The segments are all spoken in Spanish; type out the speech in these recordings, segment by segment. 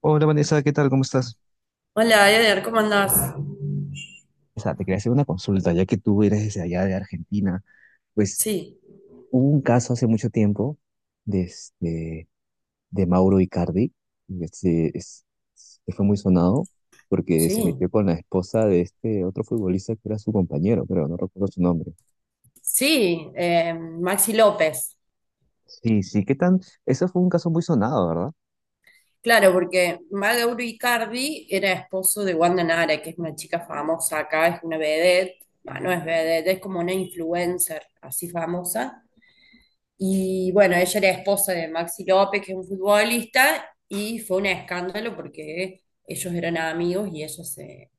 Hola Vanessa, ¿qué tal? ¿Cómo estás? Hola, Eder, ¿cómo andás? O sea, te quería hacer una consulta, ya que tú eres desde allá de Argentina. Pues Sí, hubo un caso hace mucho tiempo de, de Mauro Icardi, que se- es- que fue muy sonado porque se metió sí, con la esposa de este otro futbolista que era su compañero, pero no recuerdo su nombre. sí, Maxi López. Sí, sí, ¿qué tan? Eso fue un caso muy sonado, ¿verdad? Claro, porque Maga Icardi era esposo de Wanda Nara, que es una chica famosa acá, es una vedette. Bah, no es vedette, es como una influencer así famosa. Y bueno, ella era esposa de Maxi López, que es un futbolista, y fue un escándalo porque ellos eran amigos y ella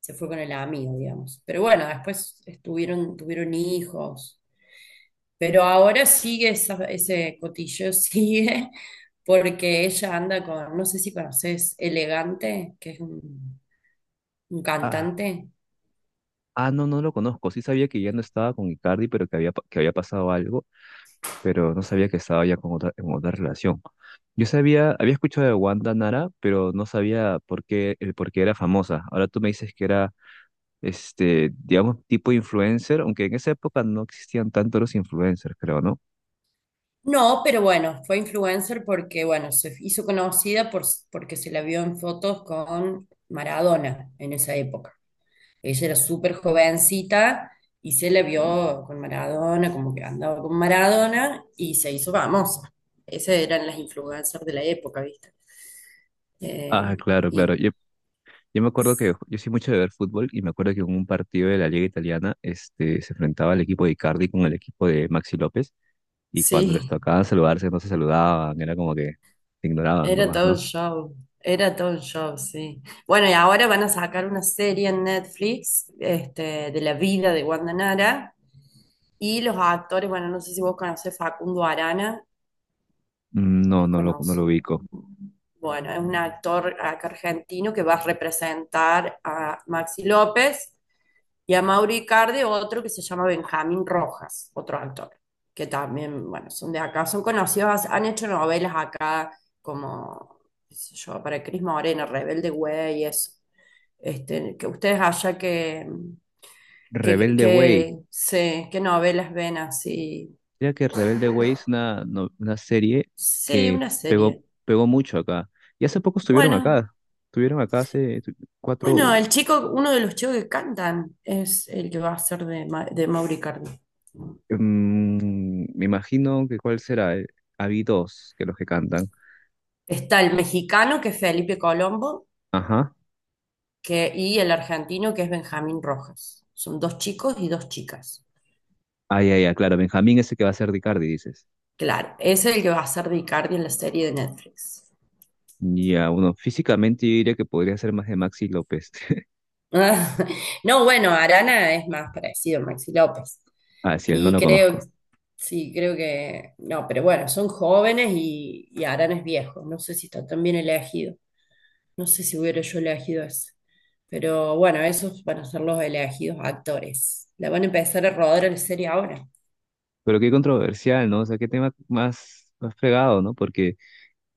se fue con el amigo, digamos. Pero bueno, después tuvieron hijos. Pero ahora sigue ese cotilleo, sigue, porque ella anda con no sé si conoces, Elegante, que es un Ah, cantante. ah, no, no lo conozco. Sí sabía que ya no estaba con Icardi, pero que había, que había pasado algo, pero no sabía que estaba ya con otra, en otra relación. Yo sabía, había escuchado de Wanda Nara, pero no sabía por qué, el por qué era famosa. Ahora tú me dices que era, este, digamos, tipo influencer, aunque en esa época no existían tanto los influencers, creo, ¿no? No, pero bueno, fue influencer porque se hizo conocida por, porque se la vio en fotos con Maradona en esa época. Ella era súper jovencita y se la vio con Maradona, como que andaba con Maradona y se hizo famosa. Esas eran las influencers de la época, ¿viste? Eh, Ah, claro, claro. y Yo me acuerdo que yo soy mucho de ver fútbol y me acuerdo que en un partido de la Liga Italiana, este, se enfrentaba el equipo de Icardi con el equipo de Maxi López y cuando les sí, tocaba saludarse no se saludaban, era como que se ignoraban era nomás, todo un ¿no? show, era todo un show, sí. Bueno, y ahora van a sacar una serie en Netflix, este, de la vida de Wanda Nara y los actores, bueno, no sé si vos conocés Facundo Arana, Mm. No, es no lo, no lo conocido. ubico. Bueno, es un actor acá argentino que va a representar a Maxi López y a Mauri Icardi, otro que se llama Benjamín Rojas, otro actor, que también, bueno, son de acá, son conocidos, han hecho novelas acá como, qué sé yo, para Cris Morena, Rebelde Güey, y eso. Este, que ustedes allá que, que, que, Rebelde Way. que qué novelas ven así. Mira que Rebelde Way es una, una serie Sí, que una pegó, serie. pegó mucho acá. Y hace poco estuvieron Bueno, acá. Estuvieron acá Bueno, cuatro. el chico, uno de los chicos que cantan es el que va a ser de Mauri Cardi. Mm, me imagino que cuál será. Habí dos que los que cantan. Está el mexicano, que es Felipe Colombo, Ajá. Y el argentino, que es Benjamín Rojas. Son dos chicos y dos chicas. Ah, ya, ya, claro. Benjamín ese que va a ser Ricardi, dices. Claro, ese es el que va a ser de Icardi en la serie de Netflix. Ya, uno físicamente yo diría que podría ser más de Maxi López. Ah, No, bueno, Arana es más parecido a Maxi López. Ah, sí, él no Y lo creo, conozco. sí, creo que, no, pero bueno, son jóvenes y Arana es viejo. No sé si está tan bien elegido. No sé si hubiera yo elegido eso. Pero bueno, esos van a ser los elegidos actores. La van a empezar a rodar en serie ahora. Pero qué controversial, ¿no? O sea, qué tema más, más fregado, ¿no? Porque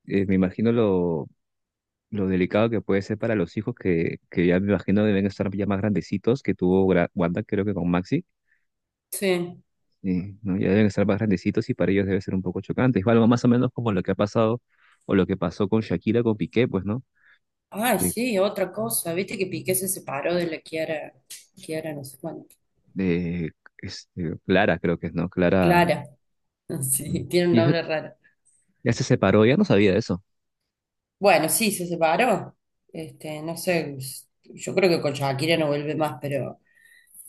me imagino lo delicado que puede ser para los hijos que ya me imagino deben estar ya más grandecitos que tuvo Wanda, creo que con Maxi, Sí. ¿No? Ya deben estar más grandecitos y para ellos debe ser un poco chocante. Es algo más o menos como lo que ha pasado o lo que pasó con Shakira, con Piqué, pues, ¿no? Ay, Eh, sí, otra cosa. Viste que Piqué se separó de la Kiara, Kiara no sé cuánto. eh, Clara, creo que es, ¿no? Clara. Clara. Sí, Mm. tiene un Y ese- nombre raro. ya se separó, ya no sabía de eso. Bueno, sí, se separó. Este, no sé, yo creo que con Shakira no vuelve más, pero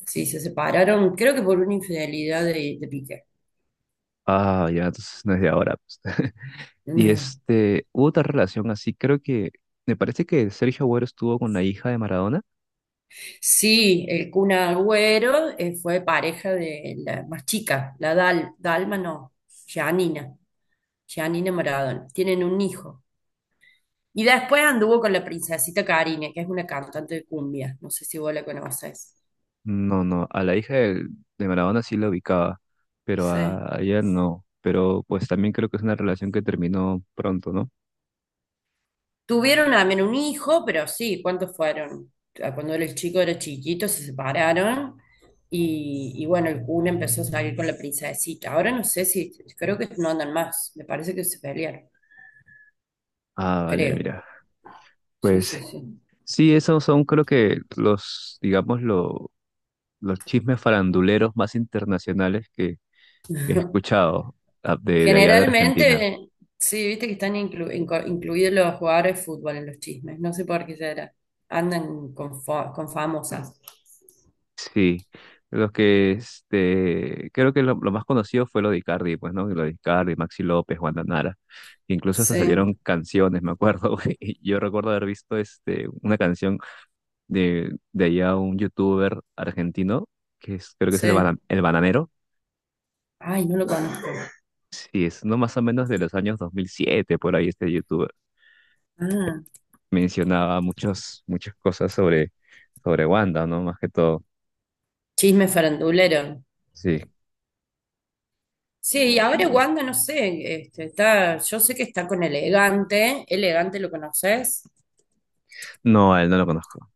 sí, se separaron, creo que por una infidelidad de Piqué. Ah, ya, entonces no es de ahora, pues. Y No. este, hubo otra relación así, creo que, me parece que Sergio Agüero estuvo con la hija de Maradona. Sí, el Kun Agüero fue pareja de la más chica, la Dal, Dalma no, Gianina, Gianina Maradona. Tienen un hijo. Y después anduvo con la princesita Karine, que es una cantante de cumbia. No sé si vos la conoces. No, no, a de Maradona sí la ubicaba, pero Sí. A ella no. Pero pues también creo que es una relación que terminó pronto, ¿no? Tuvieron también un hijo, pero sí, ¿cuántos fueron? Ah, cuando era el chico era chiquito, se separaron y bueno, el Kun empezó a salir con la princesita. Ahora no sé si, creo que no andan más, me parece que se pelearon, Ah, vale, creo. mira. Sí, sí, Pues sí. sí, esos son creo que los, digamos, los chismes faranduleros más internacionales que he escuchado, de allá de Argentina. Generalmente, sí, viste que están incluidos los jugadores de fútbol en los chismes, no sé por qué será. Andan con, con famosas. Sí, los que este, creo que lo más conocido fue lo de Icardi, pues, ¿no? Lo de Icardi, Maxi López, Wanda Nara. Incluso hasta salieron Sí, canciones, me acuerdo. Y yo recuerdo haber visto este, una canción de allá un youtuber argentino, que es, creo que es el, sí. El Bananero. Ay, no lo conozco. Sí, es no más o menos de los años 2007 por ahí este youtuber. Ah, Mencionaba muchos, muchas cosas sobre, sobre Wanda, ¿no? Más que todo. chisme farandulero. Sí. Sí, y ahora Wanda, no sé, este, está, yo sé que está con Elegante, Elegante lo conoces, No, a él no lo conozco.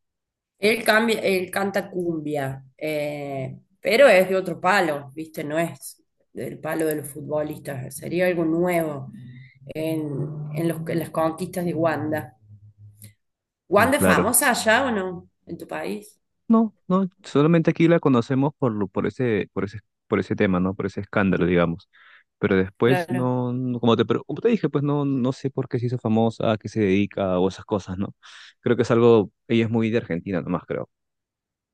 él cambia, él canta cumbia, pero es de otro palo, ¿viste? No es del palo de los futbolistas, sería algo nuevo en, en en las conquistas de Wanda. ¿Wanda es Claro. famosa allá o no? ¿En tu país? No, no, solamente aquí la conocemos por, por ese, por ese, por ese tema, ¿no? Por ese escándalo, digamos. Pero después Claro. no, como te, como te dije, pues no, no sé por qué se hizo famosa, a qué se dedica o esas cosas, ¿no? Creo que es algo, ella es muy de Argentina nomás, creo.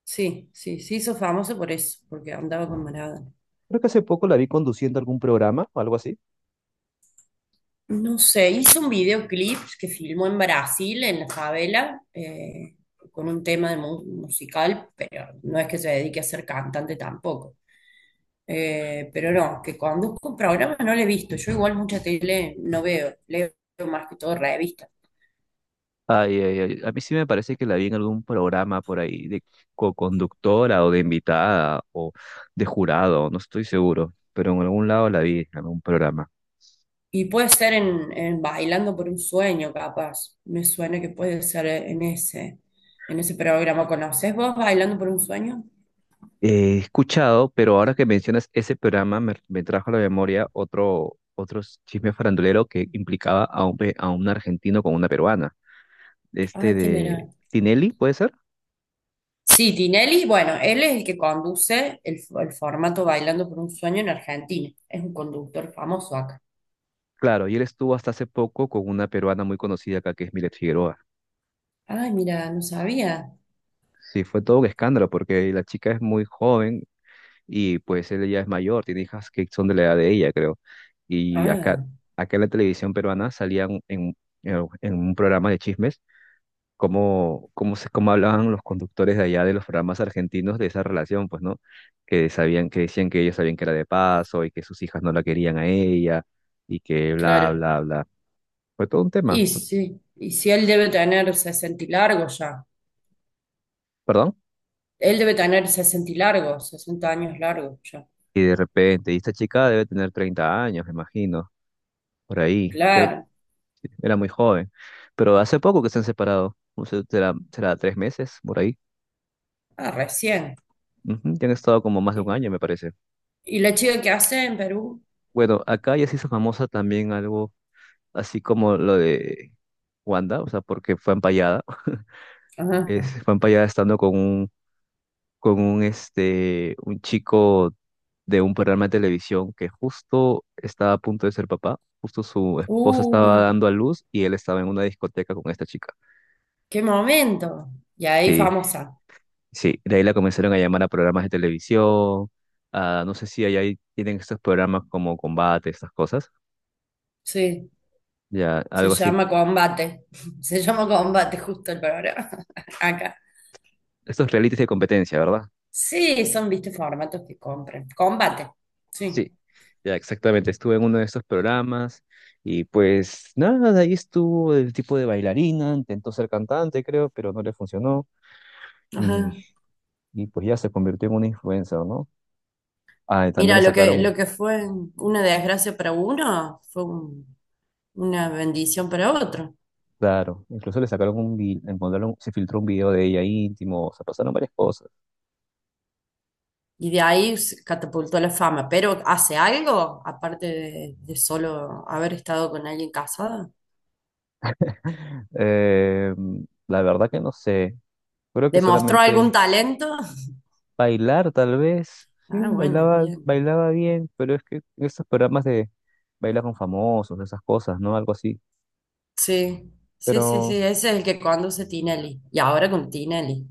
Sí, sí, sí, hizo famoso por eso, porque andaba con Maradona. Creo que hace poco la vi conduciendo algún programa o algo así. No sé, hice un videoclip que filmó en Brasil, en la favela, con un tema de musical, pero no es que se dedique a ser cantante tampoco. Pero no, que conduzco un programa no lo he visto. Yo igual mucha tele no veo, leo más que todo revistas. Ay, ay, ay. A mí sí me parece que la vi en algún programa por ahí de co-conductora o de invitada o de jurado, no estoy seguro, pero en algún lado la vi en algún programa. Y puede ser en Bailando por un sueño, capaz. Me suena que puede ser en ese programa. ¿Conoces vos Bailando por un sueño? He escuchado, pero ahora que mencionas ese programa, me trajo a la memoria otro, otro chisme farandulero que implicaba a un, a un argentino con una peruana. Este Ah, ¿quién era? de Tinelli, ¿puede ser? Sí, Tinelli, bueno, él es el que conduce el formato Bailando por un Sueño en Argentina. Es un conductor famoso acá. Claro, y él estuvo hasta hace poco con una peruana muy conocida acá, que es Milet Figueroa. Ay, mira, no sabía. Sí, fue todo un escándalo porque la chica es muy joven y pues él ya es mayor, tiene hijas que son de la edad de ella, creo. Y acá, Ah, acá en la televisión peruana salían en, en un programa de chismes cómo, cómo, se, cómo hablaban los conductores de allá de los programas argentinos de esa relación, pues, ¿no? Que sabían, que decían que ellos sabían que era de paso y que sus hijas no la querían a ella y que bla, claro. bla, bla. Fue todo un tema, Y sí, y si él debe tener 60 y largos ya. perdón. Él debe tener 60 y largos, 60 años largos ya. Y de repente, y esta chica debe tener 30 años, me imagino, por ahí. Creo que Claro. era muy joven. Pero hace poco que se han separado, no sé, será, será 3 meses, por ahí. Ah, recién. Ujú, ya han estado como más de un ¿Y, año, me parece. y la chica que hace en Perú? Bueno, acá ya se hizo famosa también algo así como lo de Wanda, o sea, porque fue empallada. Ajá. Es, fue empallada estando con un, este, un chico de un programa de televisión que justo estaba a punto de ser papá. Justo su esposa estaba Uh, dando a luz y él estaba en una discoteca con esta chica. qué momento. Y ahí Sí, famosa. sí. De ahí la comenzaron a llamar a programas de televisión. No sé si allá tienen estos programas como combate, estas cosas. Sí. Ya, Se algo así. llama combate, se llama combate justo el programa acá. Estos realities de competencia, ¿verdad? Sí, son, viste, formatos que compran. Combate, Sí, sí. ya exactamente. Estuve en uno de esos programas y pues nada, de ahí estuvo el tipo de bailarina, intentó ser cantante, creo, pero no le funcionó y, Ajá. y pues ya se convirtió en una influencer, ¿no? Ah, y también Mira, le lo sacaron, que fue una desgracia para uno fue una bendición para otro. claro, incluso le sacaron encontraron, se filtró un video de ella íntimo, o sea, pasaron varias cosas. Y de ahí se catapultó la fama. Pero ¿hace algo? Aparte de solo haber estado con alguien casado. Eh, la verdad que no sé, creo que ¿Demostró algún solamente talento? bailar, tal vez. Sí, Ah, bueno, bailaba, bien. bailaba bien, pero es que esos programas de baila con famosos, esas cosas, ¿no? Algo así. Sí, sí, Pero ese es el que conduce Tinelli. Y ahora con Tinelli.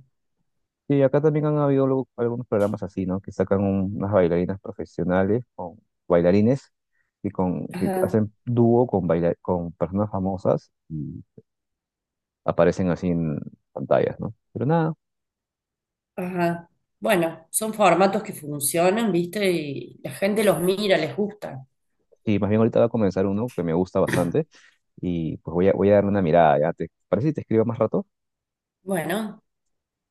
sí, acá también han habido luego algunos programas así, ¿no? Que sacan unas bailarinas profesionales o bailarines y con, que Ajá, hacen dúo con, con personas famosas y aparecen así en pantallas, ¿no? Pero nada, ajá. Bueno, son formatos que funcionan, ¿viste? Y la gente los mira, les gusta. sí, más bien ahorita va a comenzar uno que me gusta bastante y pues voy a, voy a darle una mirada, ¿ya? ¿Te parece si te escribo más rato? Bueno,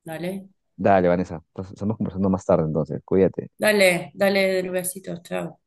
dale, Dale, Vanessa. Entonces, estamos conversando más tarde, entonces. Cuídate. dale, besitos, chao.